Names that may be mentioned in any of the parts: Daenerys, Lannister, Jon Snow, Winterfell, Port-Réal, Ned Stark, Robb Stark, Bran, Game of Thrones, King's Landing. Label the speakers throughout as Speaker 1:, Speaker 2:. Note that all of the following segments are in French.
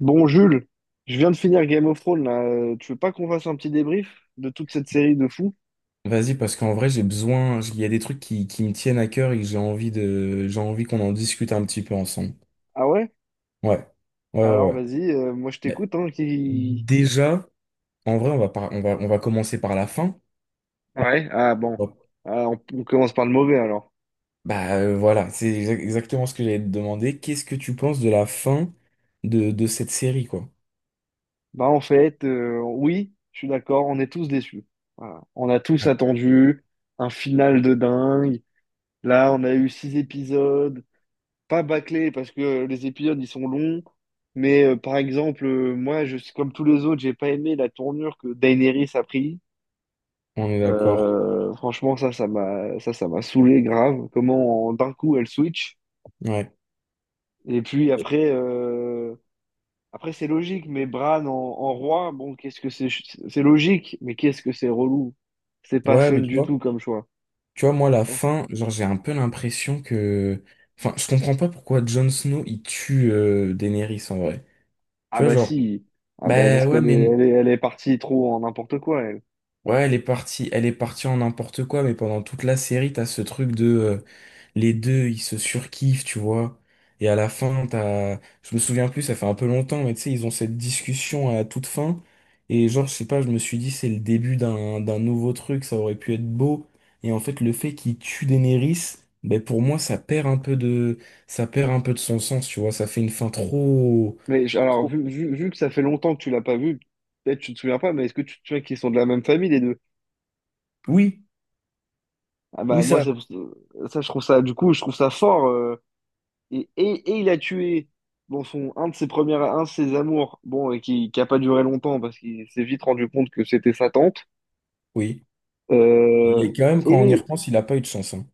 Speaker 1: Bon, Jules, je viens de finir Game of Thrones, là. Tu veux pas qu'on fasse un petit débrief de toute cette série de fous?
Speaker 2: Vas-y, parce qu'en vrai, j'ai besoin, il y a des trucs qui me tiennent à cœur et que j'ai envie de, j'ai envie qu'on en discute un petit peu ensemble.
Speaker 1: Ah ouais?
Speaker 2: Ouais. Ouais, ouais,
Speaker 1: Alors
Speaker 2: ouais.
Speaker 1: vas-y, moi je
Speaker 2: Bah,
Speaker 1: t'écoute, hein, qui...
Speaker 2: déjà, en vrai, on va commencer par la fin.
Speaker 1: Ouais, ah bon.
Speaker 2: Bon.
Speaker 1: Ah, on commence par le mauvais, alors.
Speaker 2: Bah, voilà, exactement ce que j'allais te demander. Qu'est-ce que tu penses de la fin de cette série, quoi?
Speaker 1: Bah en fait, oui, je suis d'accord, on est tous déçus. Voilà. On a tous
Speaker 2: Ouais.
Speaker 1: attendu un final de dingue. Là, on a eu six épisodes, pas bâclés, parce que les épisodes, ils sont longs. Mais par exemple, moi, comme tous les autres, j'ai pas aimé la tournure que Daenerys a pris.
Speaker 2: On est d'accord.
Speaker 1: Franchement, ça m'a saoulé grave. D'un coup elle switch.
Speaker 2: Ouais.
Speaker 1: Et puis après, après c'est logique, mais Bran en roi, bon, qu'est-ce que c'est, c'est logique, mais qu'est-ce que c'est relou. C'est pas
Speaker 2: Ouais,
Speaker 1: fun
Speaker 2: mais
Speaker 1: du tout comme choix.
Speaker 2: tu vois, moi, la fin, genre, j'ai un peu l'impression que, enfin, je comprends pas pourquoi Jon Snow, il tue Daenerys, en vrai.
Speaker 1: Ah
Speaker 2: Tu vois,
Speaker 1: bah
Speaker 2: genre,
Speaker 1: si, ah bah
Speaker 2: bah
Speaker 1: parce
Speaker 2: ouais,
Speaker 1: qu'elle
Speaker 2: mais
Speaker 1: elle est partie trop en n'importe quoi, elle.
Speaker 2: ouais, elle est partie en n'importe quoi, mais pendant toute la série, t'as ce truc de les deux, ils se surkiffent, tu vois. Et à la fin, t'as, je me souviens plus, ça fait un peu longtemps, mais tu sais, ils ont cette discussion à toute fin. Et genre, je sais pas, je me suis dit, c'est le début d'un nouveau truc, ça aurait pu être beau. Et en fait, le fait qu'ils tuent Daenerys, ben pour moi, ça perd un peu de, ça perd un peu de son sens, tu vois. Ça fait une fin trop,
Speaker 1: Alors,
Speaker 2: trop-
Speaker 1: vu que ça fait longtemps que tu l'as pas vu, peut-être tu te souviens pas, mais est-ce que tu te souviens qu'ils sont de la même famille, les deux?
Speaker 2: oui,
Speaker 1: Ah
Speaker 2: oui
Speaker 1: bah moi,
Speaker 2: ça,
Speaker 1: je trouve ça, du coup, je trouve ça fort. Et il a tué bon, son, un de ses premières, un de ses amours, bon, et qui a pas duré longtemps parce qu'il s'est vite rendu compte que c'était sa tante.
Speaker 2: oui. Il
Speaker 1: Euh,
Speaker 2: est quand même, quand on y
Speaker 1: et
Speaker 2: repense, il a pas eu de chance, hein.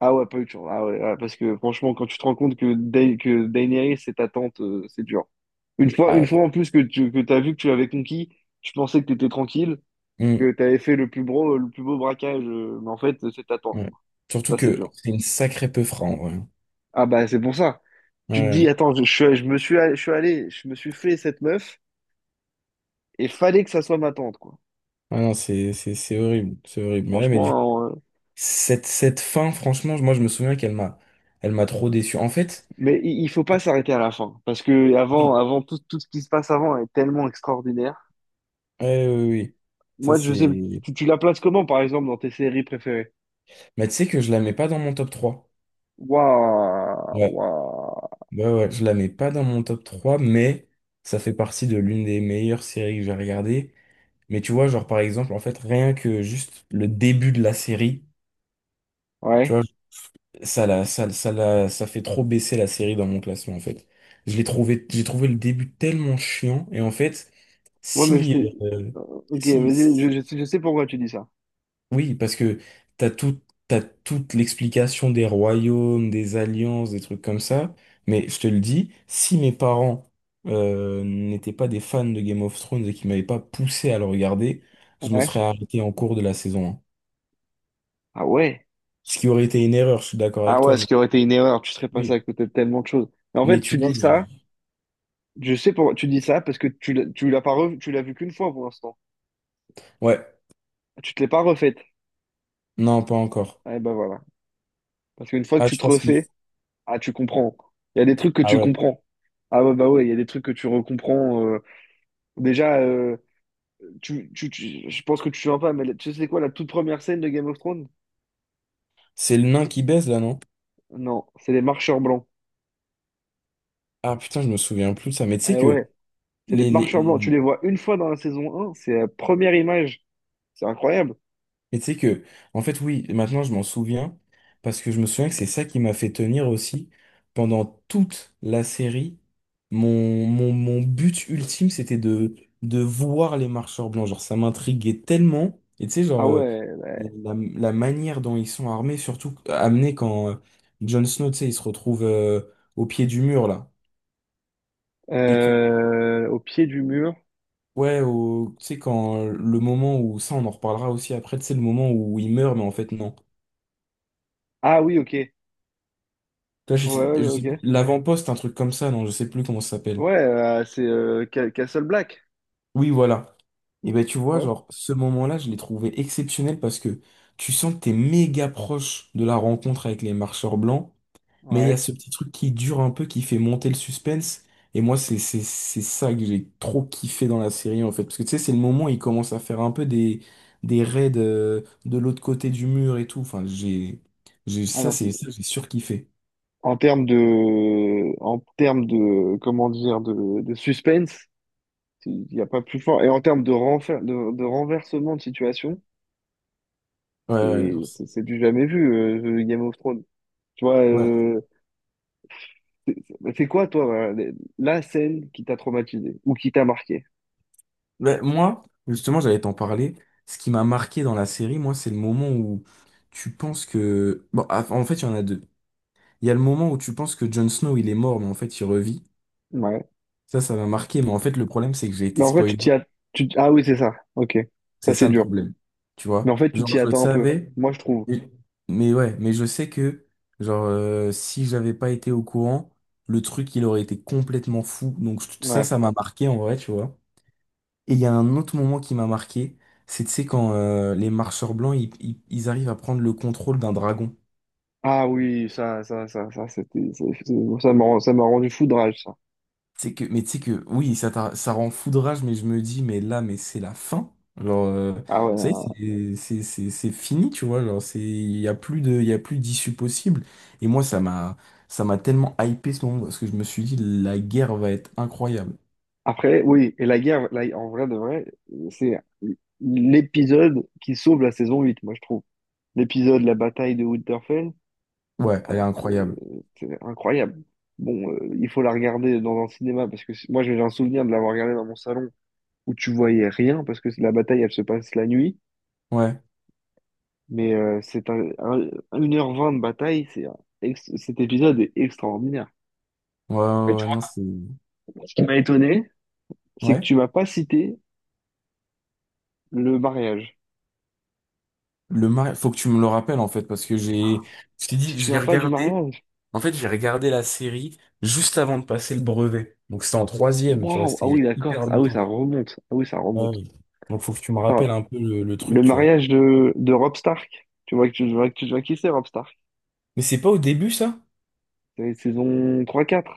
Speaker 1: ah ouais, pas eu de chance. Ah ouais, ouais, parce que franchement, quand tu te rends compte que, que Daenerys c'est ta tante, c'est dur. Une
Speaker 2: Ah,
Speaker 1: fois en plus que tu que t'as vu que tu l'avais conquis, tu pensais que t'étais tranquille,
Speaker 2: hmm,
Speaker 1: que t'avais fait le plus beau braquage, mais en fait, c'est ta tante.
Speaker 2: ouais. Surtout
Speaker 1: Ça, c'est
Speaker 2: que
Speaker 1: dur.
Speaker 2: c'est une sacrée peu en vrai.
Speaker 1: Ah bah c'est pour ça. Tu te dis,
Speaker 2: Ouais.
Speaker 1: attends, je suis allé, je me suis fait cette meuf. Et fallait que ça soit ma tante, quoi.
Speaker 2: Ah non, c'est horrible, c'est horrible. Mais là, mais du
Speaker 1: Franchement,
Speaker 2: cette, cette fin, franchement, moi je me souviens qu'elle m'a elle m'a trop déçu. En fait,
Speaker 1: mais il faut pas s'arrêter à la fin. Parce que avant,
Speaker 2: oui,
Speaker 1: tout ce qui se passe avant est tellement extraordinaire.
Speaker 2: ouais, oui, oui. Ça
Speaker 1: Moi, je sais,
Speaker 2: c'est.
Speaker 1: tu la places comment, par exemple, dans tes séries préférées?
Speaker 2: Mais tu sais que je la mets pas dans mon top trois.
Speaker 1: Waouh,
Speaker 2: Ouais,
Speaker 1: waouh.
Speaker 2: ouais, ouais, je la mets pas dans mon top trois, mais ça fait partie de l'une des meilleures séries que j'ai regardées. Mais tu vois, genre par exemple, en fait, rien que juste le début de la série. Tu vois,
Speaker 1: Ouais.
Speaker 2: ça, ça, ça fait trop baisser la série dans mon classement, en fait. J'ai trouvé le début tellement chiant. Et en fait,
Speaker 1: Ouais, mais
Speaker 2: si,
Speaker 1: c'était.
Speaker 2: euh,
Speaker 1: euh, Ok,
Speaker 2: si,
Speaker 1: vas-y,
Speaker 2: si-
Speaker 1: je sais pourquoi tu dis ça.
Speaker 2: oui, parce que t'as tout, t'as toute l'explication des royaumes, des alliances, des trucs comme ça. Mais je te le dis, si mes parents, n'étaient pas des fans de Game of Thrones et qu'ils m'avaient pas poussé à le regarder, je me
Speaker 1: Ouais.
Speaker 2: serais arrêté en cours de la saison un.
Speaker 1: Ah ouais.
Speaker 2: Ce qui aurait été une erreur, je suis d'accord
Speaker 1: Ah
Speaker 2: avec
Speaker 1: ouais,
Speaker 2: toi.
Speaker 1: ce
Speaker 2: Mais,
Speaker 1: qui aurait été une erreur, tu serais passé à
Speaker 2: oui.
Speaker 1: côté de tellement de choses. Mais en
Speaker 2: Mais
Speaker 1: fait,
Speaker 2: tu
Speaker 1: tu
Speaker 2: vois,
Speaker 1: dis ça,
Speaker 2: je-
Speaker 1: je sais pourquoi tu dis ça, parce que tu l'as pas revu, tu l'as vu qu'une fois pour l'instant.
Speaker 2: ouais,
Speaker 1: Tu te l'es pas refaite.
Speaker 2: non, pas encore.
Speaker 1: Eh ben voilà. Parce qu'une fois que
Speaker 2: Ah,
Speaker 1: tu
Speaker 2: je
Speaker 1: te
Speaker 2: pense qu'il...
Speaker 1: refais, ah, tu comprends. Il y a des trucs que
Speaker 2: Ah
Speaker 1: tu
Speaker 2: ouais.
Speaker 1: comprends. Ah ouais, bah ouais, il y a des trucs que tu recomprends. Déjà, je pense que tu vois pas, mais tu sais quoi, la toute première scène de Game of Thrones?
Speaker 2: C'est le nain qui baise, là, non?
Speaker 1: Non, c'est les marcheurs blancs.
Speaker 2: Ah putain, je me souviens plus de ça. Mais tu sais
Speaker 1: Eh
Speaker 2: que...
Speaker 1: ouais, c'est les
Speaker 2: Les, les...
Speaker 1: marcheurs blancs. Tu
Speaker 2: les-
Speaker 1: les vois une fois dans la saison 1, c'est la première image. C'est incroyable.
Speaker 2: mais tu sais que... En fait, oui, maintenant, je m'en souviens. Parce que je me souviens que c'est ça qui m'a fait tenir aussi. Pendant toute la série, mon but ultime, c'était de voir les marcheurs blancs. Genre, ça m'intriguait tellement. Et tu sais,
Speaker 1: Ah
Speaker 2: genre,
Speaker 1: ouais,
Speaker 2: la manière dont ils sont armés, surtout amenés quand Jon Snow, tu sais, il se retrouve au pied du mur, là, et
Speaker 1: au pied du mur.
Speaker 2: ouais, tu sais, quand le moment où, ça on en reparlera aussi après, tu sais, le moment où il meurt, mais en fait non.
Speaker 1: Ah oui, ok. Ouais,
Speaker 2: Toi,
Speaker 1: ouais,
Speaker 2: je sais plus,
Speaker 1: ok.
Speaker 2: l'avant-poste, un truc comme ça, non, je sais plus comment ça s'appelle.
Speaker 1: Ouais, Castle Black.
Speaker 2: Oui, voilà. Et ben tu vois,
Speaker 1: Ouais,
Speaker 2: genre, ce moment-là, je l'ai trouvé exceptionnel parce que tu sens que t'es méga proche de la rencontre avec les marcheurs blancs. Mais il y a
Speaker 1: ouais.
Speaker 2: ce petit truc qui dure un peu, qui fait monter le suspense. Et moi, c'est ça que j'ai trop kiffé dans la série, en fait. Parce que tu sais, c'est le moment où il commence à faire un peu des raids de l'autre côté du mur et tout. Enfin, j'ai,
Speaker 1: Ah
Speaker 2: ça,
Speaker 1: non,
Speaker 2: c'est ça, j'ai surkiffé.
Speaker 1: en termes de, comment dire, de suspense, il n'y a pas plus fort. Et en termes de, de renversement de situation,
Speaker 2: Ouais, ouais,
Speaker 1: c'est, c'est c'est du jamais vu, Game of Thrones. Tu vois,
Speaker 2: ouais.
Speaker 1: c'est quoi, toi, voilà, la scène qui t'a traumatisé ou qui t'a marqué?
Speaker 2: Ouais, moi, justement, j'allais t'en parler. Ce qui m'a marqué dans la série, moi, c'est le moment où tu penses que. Bon, ah, en fait, il y en a deux. Il y a le moment où tu penses que Jon Snow, il est mort, mais en fait, il revit.
Speaker 1: Ouais.
Speaker 2: Ça m'a marqué, mais en fait, le problème, c'est que j'ai
Speaker 1: Mais
Speaker 2: été
Speaker 1: en fait, tu
Speaker 2: spoilé.
Speaker 1: t'y as, tu- Ah oui, c'est ça. Ok. Ça,
Speaker 2: C'est
Speaker 1: c'est
Speaker 2: ça le
Speaker 1: dur.
Speaker 2: problème. Tu
Speaker 1: Mais
Speaker 2: vois?
Speaker 1: en fait, tu
Speaker 2: Genre,
Speaker 1: t'y
Speaker 2: je
Speaker 1: attends un peu.
Speaker 2: savais,
Speaker 1: Moi, je trouve.
Speaker 2: mais mais ouais, mais je sais que, genre, si j'avais pas été au courant, le truc, il aurait été complètement fou. Donc, ça,
Speaker 1: Ouais.
Speaker 2: ça m'a marqué en vrai, tu vois? Et il y a un autre moment qui m'a marqué, c'est, tu sais, quand les marcheurs blancs, ils arrivent à prendre le contrôle d'un dragon.
Speaker 1: Ah oui, c'était, ça m'a rendu fou de rage, ça.
Speaker 2: C'est que, mais tu sais que, oui, ça, ça rend fou de rage, mais je me dis, mais là, mais c'est la fin. Genre,
Speaker 1: Ah
Speaker 2: ça y
Speaker 1: ouais.
Speaker 2: est, c'est fini, tu vois. Genre, c'est, il y a plus de, il y a plus d'issue possible. Et moi, ça m'a tellement hypé ce moment, parce que je me suis dit, la guerre va être incroyable.
Speaker 1: Après, oui, et la guerre, en vrai de vrai, c'est l'épisode qui sauve la saison 8, moi je trouve. L'épisode, la bataille de Winterfell,
Speaker 2: Ouais, elle
Speaker 1: ah,
Speaker 2: est
Speaker 1: c'est
Speaker 2: incroyable.
Speaker 1: c'est incroyable. Bon, il faut la regarder dans un cinéma parce que moi j'ai un souvenir de l'avoir regardée dans mon salon où tu voyais rien parce que la bataille elle se passe la nuit,
Speaker 2: Ouais,
Speaker 1: mais 1 h 20 de bataille, cet épisode est extraordinaire.
Speaker 2: ouais, ouais,
Speaker 1: Mais
Speaker 2: ouais,
Speaker 1: tu
Speaker 2: ouais, non, c'est,
Speaker 1: vois, ce qui m'a étonné, c'est que
Speaker 2: ouais.
Speaker 1: tu m'as pas cité le mariage.
Speaker 2: Le mari, faut que tu me le rappelles, en fait, parce que j'ai, je t'ai
Speaker 1: Si, tu
Speaker 2: dit,
Speaker 1: te
Speaker 2: je vais
Speaker 1: souviens pas du
Speaker 2: regarder.
Speaker 1: mariage?
Speaker 2: En fait, j'ai regardé la série juste avant de passer le brevet. Donc, c'était en troisième, tu vois,
Speaker 1: Waouh! Ah
Speaker 2: c'était il y a
Speaker 1: oui, d'accord.
Speaker 2: hyper longtemps.
Speaker 1: Ah oui, ça
Speaker 2: Ah
Speaker 1: remonte.
Speaker 2: oui. Donc faut que tu me
Speaker 1: Attends,
Speaker 2: rappelles un peu le truc,
Speaker 1: le
Speaker 2: tu vois.
Speaker 1: mariage de Robb Stark. Tu vois que tu vois qui c'est Robb Stark?
Speaker 2: Mais c'est pas au début, ça?
Speaker 1: C'est saison trois quatre.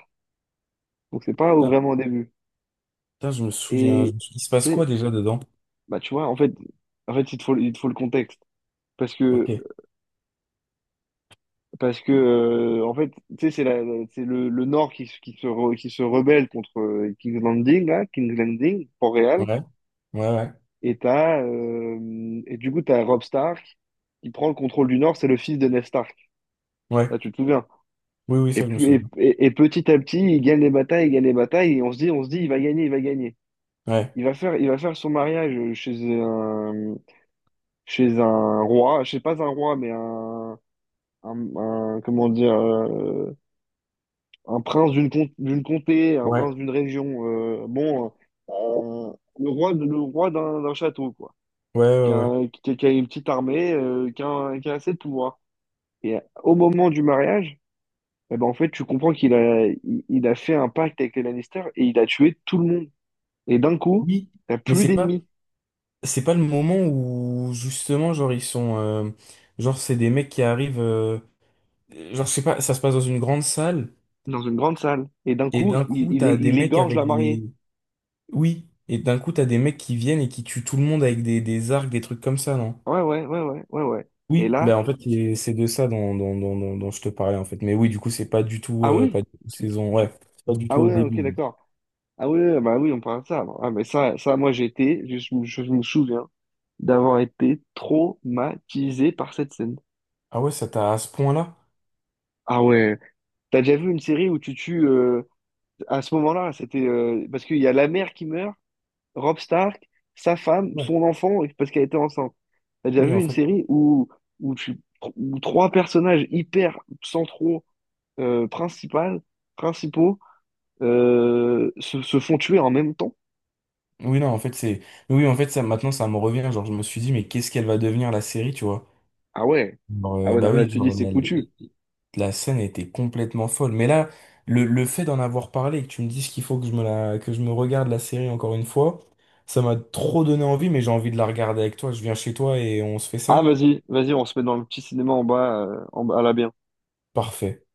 Speaker 1: Donc c'est pas au-
Speaker 2: Putain,
Speaker 1: vraiment au début.
Speaker 2: putain, je me souviens.
Speaker 1: Et
Speaker 2: Il se passe
Speaker 1: c'est
Speaker 2: quoi déjà dedans?
Speaker 1: bah Tu vois en fait, il te faut, le contexte. parce
Speaker 2: Ok.
Speaker 1: que
Speaker 2: Ouais.
Speaker 1: parce que En fait tu sais c'est c'est le Nord qui, qui se rebelle contre King's Landing là, King's Landing Port-Réal.
Speaker 2: Ouais, ouais.
Speaker 1: Et t'as et du coup t'as Robb Stark qui prend le contrôle du Nord, c'est le fils de Ned Stark.
Speaker 2: Ouais.
Speaker 1: Là, tu te souviens.
Speaker 2: Oui, oui,
Speaker 1: Et,
Speaker 2: ça, je me souviens.
Speaker 1: et petit à petit, il gagne les batailles, et on se dit, il va gagner.
Speaker 2: Ouais.
Speaker 1: Il va faire son mariage chez un, chez un roi, je sais pas un roi, mais comment dire, un prince d'une comté, un
Speaker 2: Ouais.
Speaker 1: prince d'une région. Euh, le roi, le roi d'un château, quoi.
Speaker 2: Ouais, ouais, ouais.
Speaker 1: Qui a une petite armée, qui a assez de pouvoir. Et au moment du mariage, eh ben, en fait, tu comprends qu'il a fait un pacte avec les Lannister et il a tué tout le monde. Et d'un coup,
Speaker 2: Oui.
Speaker 1: t'as
Speaker 2: Mais
Speaker 1: plus d'ennemis
Speaker 2: c'est pas le moment où, justement, genre, ils sont, genre, c'est des mecs qui arrivent, genre, je sais pas, ça se passe dans une grande salle,
Speaker 1: dans une grande salle. Et d'un
Speaker 2: et
Speaker 1: coup,
Speaker 2: d'un coup, t'as des
Speaker 1: il
Speaker 2: mecs
Speaker 1: égorge la
Speaker 2: avec
Speaker 1: mariée.
Speaker 2: des, oui, et d'un coup, t'as des mecs qui viennent et qui tuent tout le monde avec des arcs, des trucs comme ça, non?
Speaker 1: Ouais. Et
Speaker 2: Oui,
Speaker 1: là,
Speaker 2: ben en fait c'est de ça dont je te parlais en fait. Mais oui, du coup c'est pas du tout
Speaker 1: ah oui,
Speaker 2: pas du tout
Speaker 1: tu-
Speaker 2: saison, ouais,
Speaker 1: tu-
Speaker 2: c'est pas du
Speaker 1: ah
Speaker 2: tout au
Speaker 1: ouais, ok,
Speaker 2: début.
Speaker 1: d'accord. Ah oui, oui, bah oui, on parle de ça. Ah, mais ça, moi, j'ai été, je me souviens d'avoir été traumatisé par cette scène.
Speaker 2: Ah ouais, ça t'a à ce point-là?
Speaker 1: Ah ouais, t'as déjà vu une série où tu tues à ce moment-là, c'était parce qu'il y a la mère qui meurt, Rob Stark, sa femme,
Speaker 2: Ouais.
Speaker 1: son enfant, et parce qu'elle était enceinte. T'as déjà
Speaker 2: Oui
Speaker 1: vu
Speaker 2: en
Speaker 1: une
Speaker 2: fait,
Speaker 1: série où, tu- où trois personnages hyper centraux, euh, principal- principaux, se, se font tuer en même temps?
Speaker 2: oui non en fait c'est, oui en fait ça maintenant ça me revient. Genre je me suis dit mais qu'est-ce qu'elle va devenir la série, tu vois?
Speaker 1: Ah ouais.
Speaker 2: Genre,
Speaker 1: Ah ouais, non,
Speaker 2: bah
Speaker 1: mais là,
Speaker 2: oui,
Speaker 1: tu dis, c'est foutu.
Speaker 2: la scène était complètement folle. Mais là le fait d'en avoir parlé et que tu me dises qu'il faut que je me la que je me regarde la série encore une fois, ça m'a trop donné envie. Mais j'ai envie de la regarder avec toi. Je viens chez toi et on se fait
Speaker 1: Ah,
Speaker 2: ça.
Speaker 1: vas-y, vas-y, on se met dans le petit cinéma en bas, à la bien.
Speaker 2: Parfait.